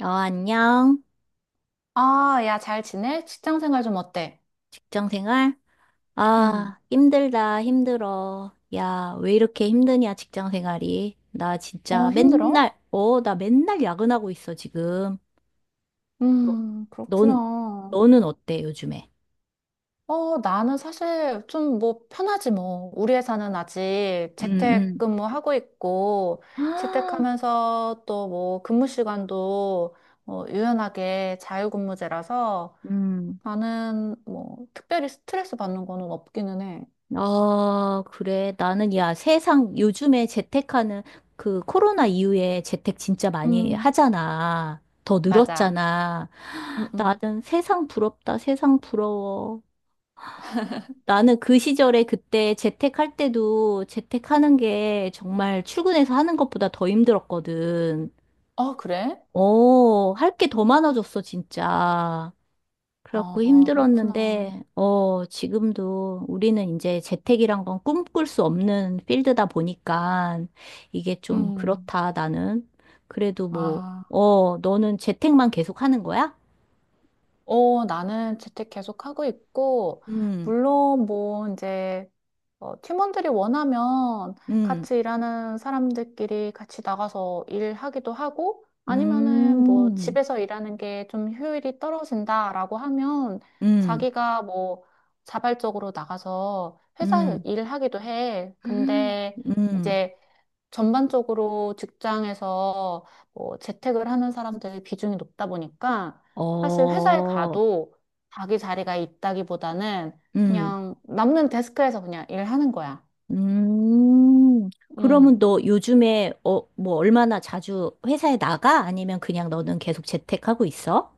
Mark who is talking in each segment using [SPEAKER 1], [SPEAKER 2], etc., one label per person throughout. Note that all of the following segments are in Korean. [SPEAKER 1] 안녕.
[SPEAKER 2] 아, 야, 잘 지내? 직장 생활 좀 어때?
[SPEAKER 1] 직장 생활?
[SPEAKER 2] 응,
[SPEAKER 1] 아, 힘들다, 힘들어. 야, 왜 이렇게 힘드냐, 직장 생활이. 나 진짜
[SPEAKER 2] 어, 힘들어?
[SPEAKER 1] 맨날, 나 맨날 야근하고 있어, 지금. 너, 넌,
[SPEAKER 2] 그렇구나.
[SPEAKER 1] 너는 어때, 요즘에?
[SPEAKER 2] 어, 나는 사실 좀 뭐 편하지 뭐. 우리 회사는 아직
[SPEAKER 1] 응, 응.
[SPEAKER 2] 재택근무하고 있고, 재택하면서 또 뭐 근무 시간도 어, 유연하게 자유근무제라서
[SPEAKER 1] 음.
[SPEAKER 2] 나는 뭐 특별히 스트레스 받는 거는 없기는 해.
[SPEAKER 1] 아, 그래. 나는, 야, 세상, 요즘에 재택하는, 그, 코로나 이후에 재택 진짜 많이
[SPEAKER 2] 음,
[SPEAKER 1] 하잖아. 더
[SPEAKER 2] 맞아.
[SPEAKER 1] 늘었잖아.
[SPEAKER 2] 음, 음.
[SPEAKER 1] 나는 세상 부럽다, 세상 부러워. 나는 그 시절에 그때 재택할 때도 재택하는 게 정말 출근해서 하는 것보다 더 힘들었거든.
[SPEAKER 2] 어, 그래?
[SPEAKER 1] 할 게 더 많아졌어, 진짜. 그래갖고
[SPEAKER 2] 어, 그렇구나.
[SPEAKER 1] 힘들었는데, 지금도 우리는 이제 재택이란 건 꿈꿀 수 없는 필드다 보니까 이게 좀
[SPEAKER 2] 음,
[SPEAKER 1] 그렇다, 나는. 그래도 뭐,
[SPEAKER 2] 아.
[SPEAKER 1] 너는 재택만 계속 하는 거야?
[SPEAKER 2] 어, 나는 재택 계속 하고 있고,
[SPEAKER 1] 음.
[SPEAKER 2] 물론 뭐 이제 어, 팀원들이 원하면
[SPEAKER 1] 음.
[SPEAKER 2] 같이 일하는 사람들끼리 같이 나가서 일하기도 하고, 아니면은 뭐
[SPEAKER 1] 음.
[SPEAKER 2] 집에서 일하는 게 좀 효율이 떨어진다라고 하면
[SPEAKER 1] 음.
[SPEAKER 2] 자기가 뭐 자발적으로 나가서 회사에서
[SPEAKER 1] 음.
[SPEAKER 2] 일하기도 해. 근데
[SPEAKER 1] 음.
[SPEAKER 2] 이제 전반적으로 직장에서 뭐 재택을 하는 사람들의 비중이 높다 보니까 사실 회사에
[SPEAKER 1] 어.
[SPEAKER 2] 가도 자기 자리가 있다기보다는
[SPEAKER 1] 음.
[SPEAKER 2] 그냥 남는 데스크에서 그냥 일하는 거야.
[SPEAKER 1] 음. 그러면
[SPEAKER 2] 음.
[SPEAKER 1] 너 요즘에, 뭐, 얼마나 자주 회사에 나가? 아니면 그냥 너는 계속 재택하고 있어?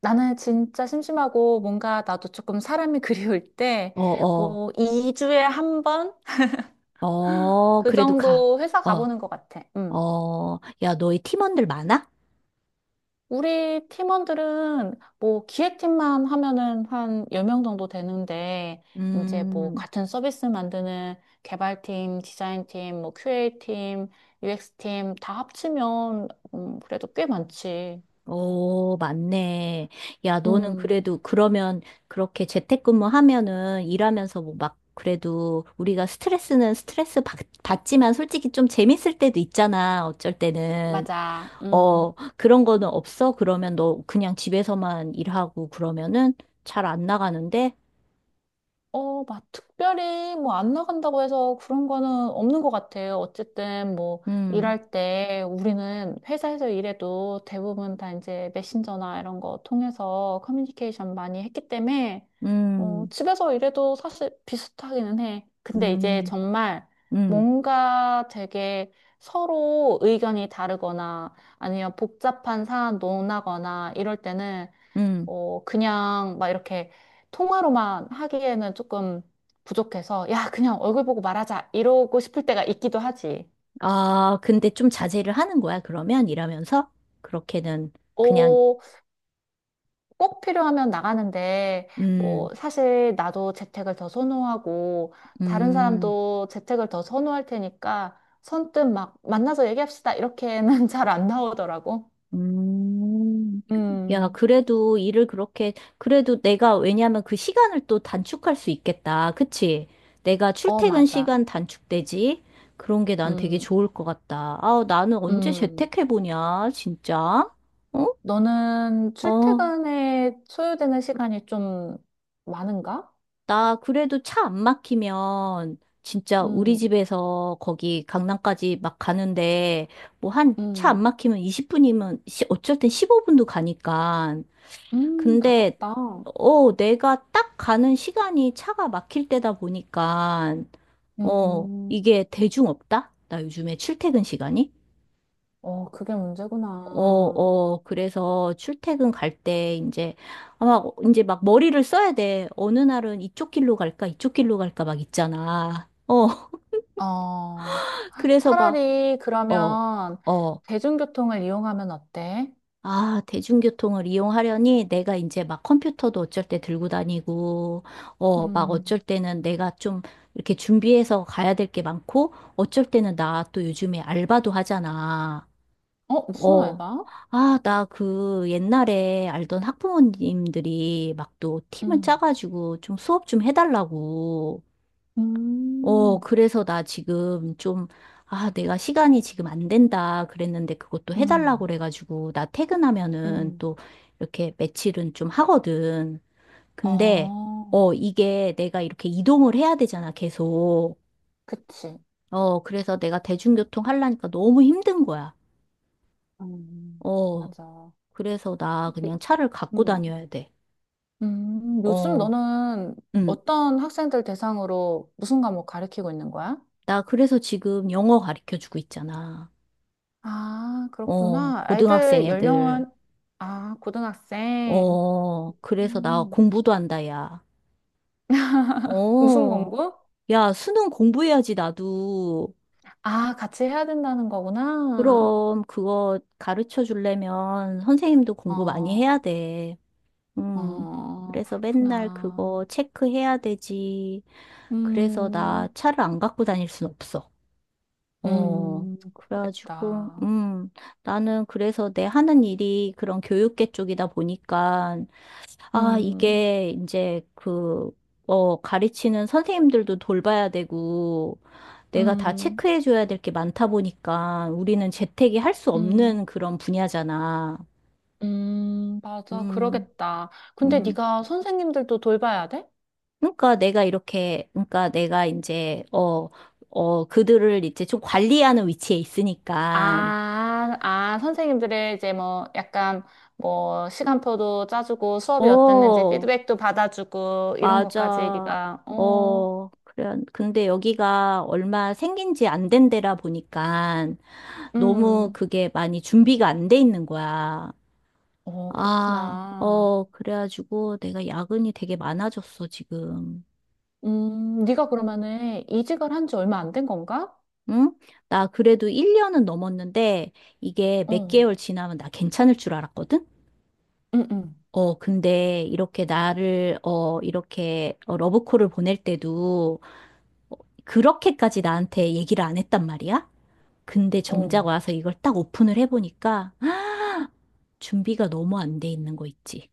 [SPEAKER 2] 나는 진짜 심심하고 뭔가 나도 조금 사람이 그리울 때
[SPEAKER 1] 어, 어,
[SPEAKER 2] 뭐 2주에 한 번
[SPEAKER 1] 어,
[SPEAKER 2] 그
[SPEAKER 1] 그래도 가.
[SPEAKER 2] 정도 회사
[SPEAKER 1] 어,
[SPEAKER 2] 가보는 것 같아. 음.
[SPEAKER 1] 어, 야, 너희 팀원들 많아?
[SPEAKER 2] 우리 팀원들은 뭐 기획팀만 하면은 한 10명 정도 되는데, 이제 뭐
[SPEAKER 1] 음.
[SPEAKER 2] 같은 서비스 만드는 개발팀, 디자인팀, 뭐 QA팀, UX팀 다 합치면, 그래도 꽤 많지.
[SPEAKER 1] 오, 맞네. 야, 너는
[SPEAKER 2] 음,
[SPEAKER 1] 그래도 그러면 그렇게 재택근무하면은 일하면서 뭐 막 그래도 우리가 스트레스는 스트레스 받지만 솔직히 좀 재밌을 때도 있잖아. 어쩔 때는.
[SPEAKER 2] 맞아. 음.
[SPEAKER 1] 그런 거는 없어? 그러면 너 그냥 집에서만 일하고 그러면은 잘 안 나가는데?
[SPEAKER 2] 어, 막 특별히 뭐 안 나간다고 해서 그런 거는 없는 것 같아요. 어쨌든 뭐
[SPEAKER 1] 음.
[SPEAKER 2] 일할 때 우리는 회사에서 일해도 대부분 다 이제 메신저나 이런 거 통해서 커뮤니케이션 많이 했기 때문에 어,
[SPEAKER 1] 음.
[SPEAKER 2] 집에서 일해도 사실 비슷하기는 해. 근데 이제
[SPEAKER 1] 음.
[SPEAKER 2] 정말
[SPEAKER 1] 음.
[SPEAKER 2] 뭔가 되게 서로 의견이 다르거나 아니면 복잡한 사안 논하거나 이럴 때는
[SPEAKER 1] 음.
[SPEAKER 2] 어, 그냥 막 이렇게 통화로만 하기에는 조금 부족해서, 야, 그냥 얼굴 보고 말하자. 이러고 싶을 때가 있기도 하지.
[SPEAKER 1] 아, 근데 좀 자제를 하는 거야, 그러면? 일하면서? 그렇게는, 그냥.
[SPEAKER 2] 어, 꼭 필요하면 나가는데,
[SPEAKER 1] 음.
[SPEAKER 2] 뭐, 사실 나도 재택을 더 선호하고, 다른
[SPEAKER 1] 음.
[SPEAKER 2] 사람도 재택을 더 선호할 테니까, 선뜻 막 만나서 얘기합시다. 이렇게는 잘 안 나오더라고.
[SPEAKER 1] 음, 야,
[SPEAKER 2] 음,
[SPEAKER 1] 그래도 일을 그렇게, 그래도 내가, 왜냐하면 그 시간을 또 단축할 수 있겠다. 그치? 내가
[SPEAKER 2] 어,
[SPEAKER 1] 출퇴근
[SPEAKER 2] 맞아.
[SPEAKER 1] 시간 단축되지? 그런 게 난 되게
[SPEAKER 2] 음,
[SPEAKER 1] 좋을 것 같다. 아, 나는 언제
[SPEAKER 2] 음.
[SPEAKER 1] 재택해보냐, 진짜? 어?
[SPEAKER 2] 너는
[SPEAKER 1] 어,
[SPEAKER 2] 출퇴근에 소요되는 시간이 좀 많은가?
[SPEAKER 1] 나 그래도 차 안 막히면, 진짜 우리
[SPEAKER 2] 음,
[SPEAKER 1] 집에서 거기 강남까지 막 가는데, 뭐 한 차
[SPEAKER 2] 음,
[SPEAKER 1] 안 막히면 20분이면, 어쨌든 15분도 가니까. 근데,
[SPEAKER 2] 가깝다.
[SPEAKER 1] 내가 딱 가는 시간이 차가 막힐 때다 보니까,
[SPEAKER 2] 음,
[SPEAKER 1] 이게 대중 없다? 나 요즘에 출퇴근 시간이?
[SPEAKER 2] 어, 그게
[SPEAKER 1] 어,
[SPEAKER 2] 문제구나.
[SPEAKER 1] 어, 그래서 출퇴근 갈 때 이제 막 머리를 써야 돼. 어느 날은 이쪽 길로 갈까, 이쪽 길로 갈까 막 있잖아. 어.
[SPEAKER 2] 어,
[SPEAKER 1] 그래서 막,
[SPEAKER 2] 차라리
[SPEAKER 1] 어,
[SPEAKER 2] 그러면
[SPEAKER 1] 어,
[SPEAKER 2] 대중교통을 이용하면 어때?
[SPEAKER 1] 아, 대중교통을 이용하려니 내가 이제 막 컴퓨터도 어쩔 때 들고 다니고, 막
[SPEAKER 2] 음,
[SPEAKER 1] 어쩔 때는 내가 좀 이렇게 준비해서 가야 될 게 많고, 어쩔 때는 나 또 요즘에 알바도 하잖아.
[SPEAKER 2] 어, 무슨
[SPEAKER 1] 어.
[SPEAKER 2] 알바?
[SPEAKER 1] 아, 나 그 옛날에 알던 학부모님들이 막 또 팀을
[SPEAKER 2] 음,
[SPEAKER 1] 짜가지고 좀 수업 좀 해달라고.
[SPEAKER 2] 음,
[SPEAKER 1] 그래서 나 지금 좀, 아, 내가 시간이 지금 안 된다 그랬는데 그것도 해달라고
[SPEAKER 2] 음,
[SPEAKER 1] 그래가지고, 나 퇴근하면은
[SPEAKER 2] 음,
[SPEAKER 1] 또 이렇게 며칠은 좀 하거든. 근데,
[SPEAKER 2] 어,
[SPEAKER 1] 이게 내가 이렇게 이동을 해야 되잖아, 계속.
[SPEAKER 2] 그치.
[SPEAKER 1] 그래서 내가 대중교통 하려니까 너무 힘든 거야. 어,
[SPEAKER 2] 맞아.
[SPEAKER 1] 그래서 나 그냥 차를 갖고
[SPEAKER 2] 음,
[SPEAKER 1] 다녀야 돼.
[SPEAKER 2] 요즘
[SPEAKER 1] 어,
[SPEAKER 2] 너는
[SPEAKER 1] 응.
[SPEAKER 2] 어떤 학생들 대상으로 무슨 과목 가르치고 있는 거야?
[SPEAKER 1] 나 그래서 지금 영어 가르쳐 주고 있잖아.
[SPEAKER 2] 아,
[SPEAKER 1] 어,
[SPEAKER 2] 그렇구나.
[SPEAKER 1] 고등학생
[SPEAKER 2] 애들
[SPEAKER 1] 애들.
[SPEAKER 2] 연령은, 아, 고등학생.
[SPEAKER 1] 어, 그래서 나
[SPEAKER 2] 음,
[SPEAKER 1] 공부도 한다, 야.
[SPEAKER 2] 무슨
[SPEAKER 1] 어,
[SPEAKER 2] 공부?
[SPEAKER 1] 야, 수능 공부해야지, 나도.
[SPEAKER 2] 아, 같이 해야 된다는 거구나.
[SPEAKER 1] 그럼 그거 가르쳐 주려면 선생님도 공부 많이
[SPEAKER 2] 어,
[SPEAKER 1] 해야 돼. 음,
[SPEAKER 2] 어,
[SPEAKER 1] 그래서 맨날
[SPEAKER 2] 그렇구나.
[SPEAKER 1] 그거 체크해야 되지. 그래서 나
[SPEAKER 2] 음,
[SPEAKER 1] 차를 안 갖고 다닐 순 없어. 그래가지고,
[SPEAKER 2] 그러겠다.
[SPEAKER 1] 나는 그래서 내 하는 일이 그런 교육계 쪽이다 보니까 아,
[SPEAKER 2] 음,
[SPEAKER 1] 이게 이제 그, 가르치는 선생님들도 돌봐야 되고, 내가 다
[SPEAKER 2] 음,
[SPEAKER 1] 체크해줘야 될 게 많다 보니까 우리는 재택이 할 수
[SPEAKER 2] 음,
[SPEAKER 1] 없는 그런 분야잖아.
[SPEAKER 2] 맞아.
[SPEAKER 1] 음,
[SPEAKER 2] 그러겠다. 근데
[SPEAKER 1] 음.
[SPEAKER 2] 네가 선생님들도 돌봐야 돼?
[SPEAKER 1] 그러니까 내가 이렇게, 그러니까 내가 이제, 그들을 이제 좀 관리하는 위치에 있으니까,
[SPEAKER 2] 아, 아, 선생님들의 이제 뭐 약간 뭐 시간표도 짜주고 수업이 어땠는지
[SPEAKER 1] 어,
[SPEAKER 2] 피드백도 받아주고 이런 것까지
[SPEAKER 1] 맞아.
[SPEAKER 2] 네가 어,
[SPEAKER 1] 어, 그래. 근데 여기가 얼마 생긴 지 안 된 데라 보니까 너무
[SPEAKER 2] 음,
[SPEAKER 1] 그게 많이 준비가 안 돼 있는 거야.
[SPEAKER 2] 어,
[SPEAKER 1] 아,
[SPEAKER 2] 그렇구나.
[SPEAKER 1] 그래가지고 내가 야근이 되게 많아졌어, 지금.
[SPEAKER 2] 네가 그러면은 이직을 한 지 얼마 안 된 건가?
[SPEAKER 1] 응? 나 그래도 1년은 넘었는데 이게 몇
[SPEAKER 2] 어,
[SPEAKER 1] 개월 지나면 나 괜찮을 줄 알았거든?
[SPEAKER 2] 응, 응,
[SPEAKER 1] 근데 이렇게 나를, 이렇게 러브콜을 보낼 때도 어, 그렇게까지 나한테 얘기를 안 했단 말이야? 근데 정작
[SPEAKER 2] 어,
[SPEAKER 1] 와서 이걸 딱 오픈을 해보니까, 아, 준비가 너무 안 돼 있는 거 있지.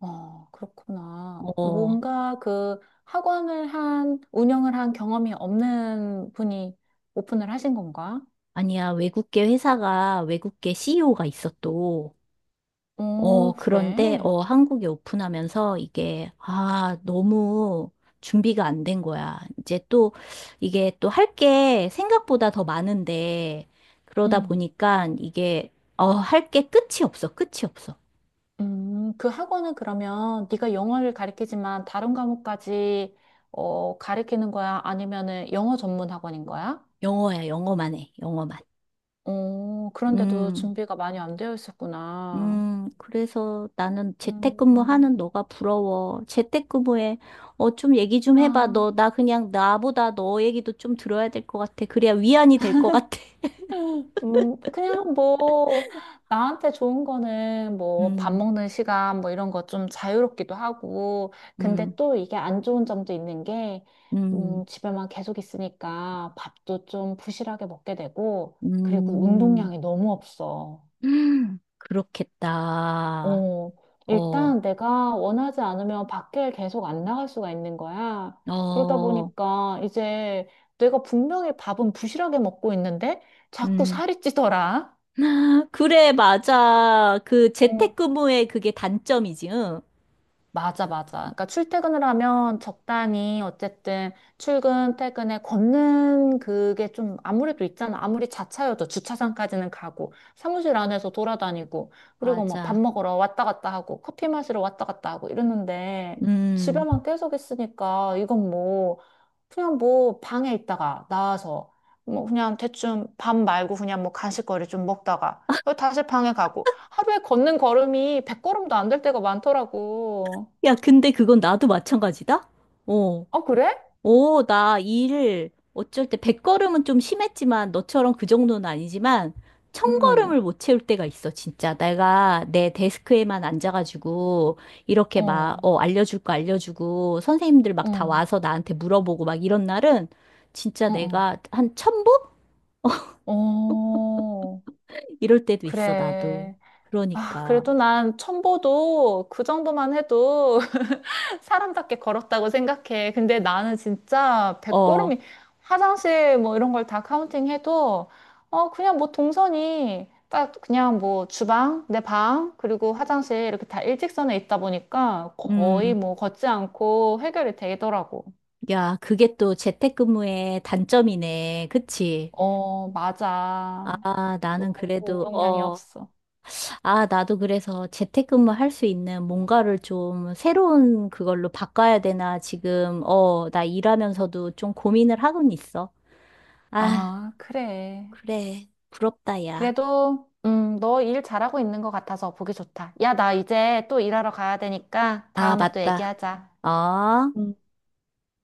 [SPEAKER 2] 어, 그렇구나.
[SPEAKER 1] 어,
[SPEAKER 2] 뭔가 그 학원을 한 운영을 한 경험이 없는 분이 오픈을 하신 건가?
[SPEAKER 1] 아니야. 외국계 회사가, 외국계 CEO가 있어 또.
[SPEAKER 2] 오,
[SPEAKER 1] 그런데,
[SPEAKER 2] 그래.
[SPEAKER 1] 한국에 오픈하면서 이게, 아, 너무 준비가 안 된 거야. 이제 또, 이게 또 할 게 생각보다 더 많은데, 그러다
[SPEAKER 2] 음.
[SPEAKER 1] 보니까 이게, 할 게 끝이 없어. 끝이 없어.
[SPEAKER 2] 그 학원은 그러면 네가 영어를 가르치지만 다른 과목까지 어, 가르치는 거야? 아니면은 영어 전문 학원인 거야?
[SPEAKER 1] 영어야, 영어만 해. 영어만.
[SPEAKER 2] 어, 그런데도
[SPEAKER 1] 음.
[SPEAKER 2] 준비가 많이 안 되어 있었구나.
[SPEAKER 1] 그래서 나는
[SPEAKER 2] 음,
[SPEAKER 1] 재택근무하는 너가 부러워. 재택근무에, 좀 얘기 좀
[SPEAKER 2] 아,
[SPEAKER 1] 해봐. 너, 나 그냥 나보다 너 얘기도 좀 들어야 될 것 같아. 그래야 위안이 될 것 같아.
[SPEAKER 2] 그냥 뭐, 나한테 좋은 거는 뭐, 밥
[SPEAKER 1] 음.
[SPEAKER 2] 먹는 시간 뭐 이런 거 좀 자유롭기도 하고, 근데
[SPEAKER 1] 음.
[SPEAKER 2] 또 이게 안 좋은 점도 있는 게,
[SPEAKER 1] 음.
[SPEAKER 2] 집에만 계속 있으니까 밥도 좀 부실하게 먹게 되고, 그리고
[SPEAKER 1] 음.
[SPEAKER 2] 운동량이 너무 없어.
[SPEAKER 1] 그렇겠다.
[SPEAKER 2] 어,
[SPEAKER 1] 어.
[SPEAKER 2] 일단 내가 원하지 않으면 밖에 계속 안 나갈 수가 있는 거야. 그러다
[SPEAKER 1] 어.
[SPEAKER 2] 보니까 이제 내가 분명히 밥은 부실하게 먹고 있는데, 자꾸
[SPEAKER 1] 음.
[SPEAKER 2] 살이 찌더라.
[SPEAKER 1] 그래, 맞아. 그
[SPEAKER 2] 어.
[SPEAKER 1] 재택근무의 그게 단점이지, 응?
[SPEAKER 2] 맞아, 맞아. 그러니까 출퇴근을 하면 적당히 어쨌든 출근, 퇴근에 걷는 그게 좀 아무래도 있잖아. 아무리 자차여도 주차장까지는 가고 사무실 안에서 돌아다니고 그리고 뭐 밥
[SPEAKER 1] 맞아.
[SPEAKER 2] 먹으러 왔다 갔다 하고 커피 마시러 왔다 갔다 하고 이러는데
[SPEAKER 1] 음.
[SPEAKER 2] 집에만 계속 있으니까 이건 뭐 그냥 뭐 방에 있다가 나와서 뭐 그냥 대충 밥 말고 그냥 뭐 간식거리 좀 먹다가 어, 다시 방에 가고 하루에 걷는 걸음이 100걸음도 안 될 때가 많더라고.
[SPEAKER 1] 야, 근데 그건 나도 마찬가지다? 어.
[SPEAKER 2] 어, 그래?
[SPEAKER 1] 오, 나 일 어쩔 때 100걸음은 좀 심했지만 너처럼 그 정도는 아니지만 천걸음
[SPEAKER 2] 음,
[SPEAKER 1] 을 못 채울 때가 있어, 진짜. 내가 내 데스크에만 앉아가지고 이렇게 막,
[SPEAKER 2] 어,
[SPEAKER 1] 알려줄 거 알려주고 선생님들 막 다
[SPEAKER 2] 응,
[SPEAKER 1] 와서 나한테 물어보고 막 이런 날은 진짜
[SPEAKER 2] 응, 응.
[SPEAKER 1] 내가 한천0보
[SPEAKER 2] 어,
[SPEAKER 1] 이럴 때도 있어, 나도.
[SPEAKER 2] 그래. 아,
[SPEAKER 1] 그러니까.
[SPEAKER 2] 그래도 난 1,000보도 그 정도만 해도 사람답게 걸었다고 생각해. 근데 나는 진짜
[SPEAKER 1] 어.
[SPEAKER 2] 100걸음이 화장실 뭐 이런 걸 다 카운팅해도 어 그냥 뭐 동선이 딱 그냥 뭐 주방, 내 방, 그리고 화장실 이렇게 다 일직선에 있다 보니까
[SPEAKER 1] 음.
[SPEAKER 2] 거의 뭐 걷지 않고 해결이 되더라고.
[SPEAKER 1] 야, 그게 또 재택근무의 단점이네. 그치?
[SPEAKER 2] 어, 맞아.
[SPEAKER 1] 아, 나는
[SPEAKER 2] 너무
[SPEAKER 1] 그래도,
[SPEAKER 2] 운동량이 없어.
[SPEAKER 1] 아, 나도 그래서 재택근무 할 수 있는 뭔가를 좀 새로운 그걸로 바꿔야 되나 지금, 나 일하면서도 좀 고민을 하고는 있어. 아,
[SPEAKER 2] 아, 그래.
[SPEAKER 1] 그래. 부럽다, 야.
[SPEAKER 2] 그래도, 너 일 잘하고 있는 것 같아서 보기 좋다. 야, 나 이제 또 일하러 가야 되니까
[SPEAKER 1] 아,
[SPEAKER 2] 다음에 또
[SPEAKER 1] 맞다.
[SPEAKER 2] 얘기하자.
[SPEAKER 1] 어?
[SPEAKER 2] 음,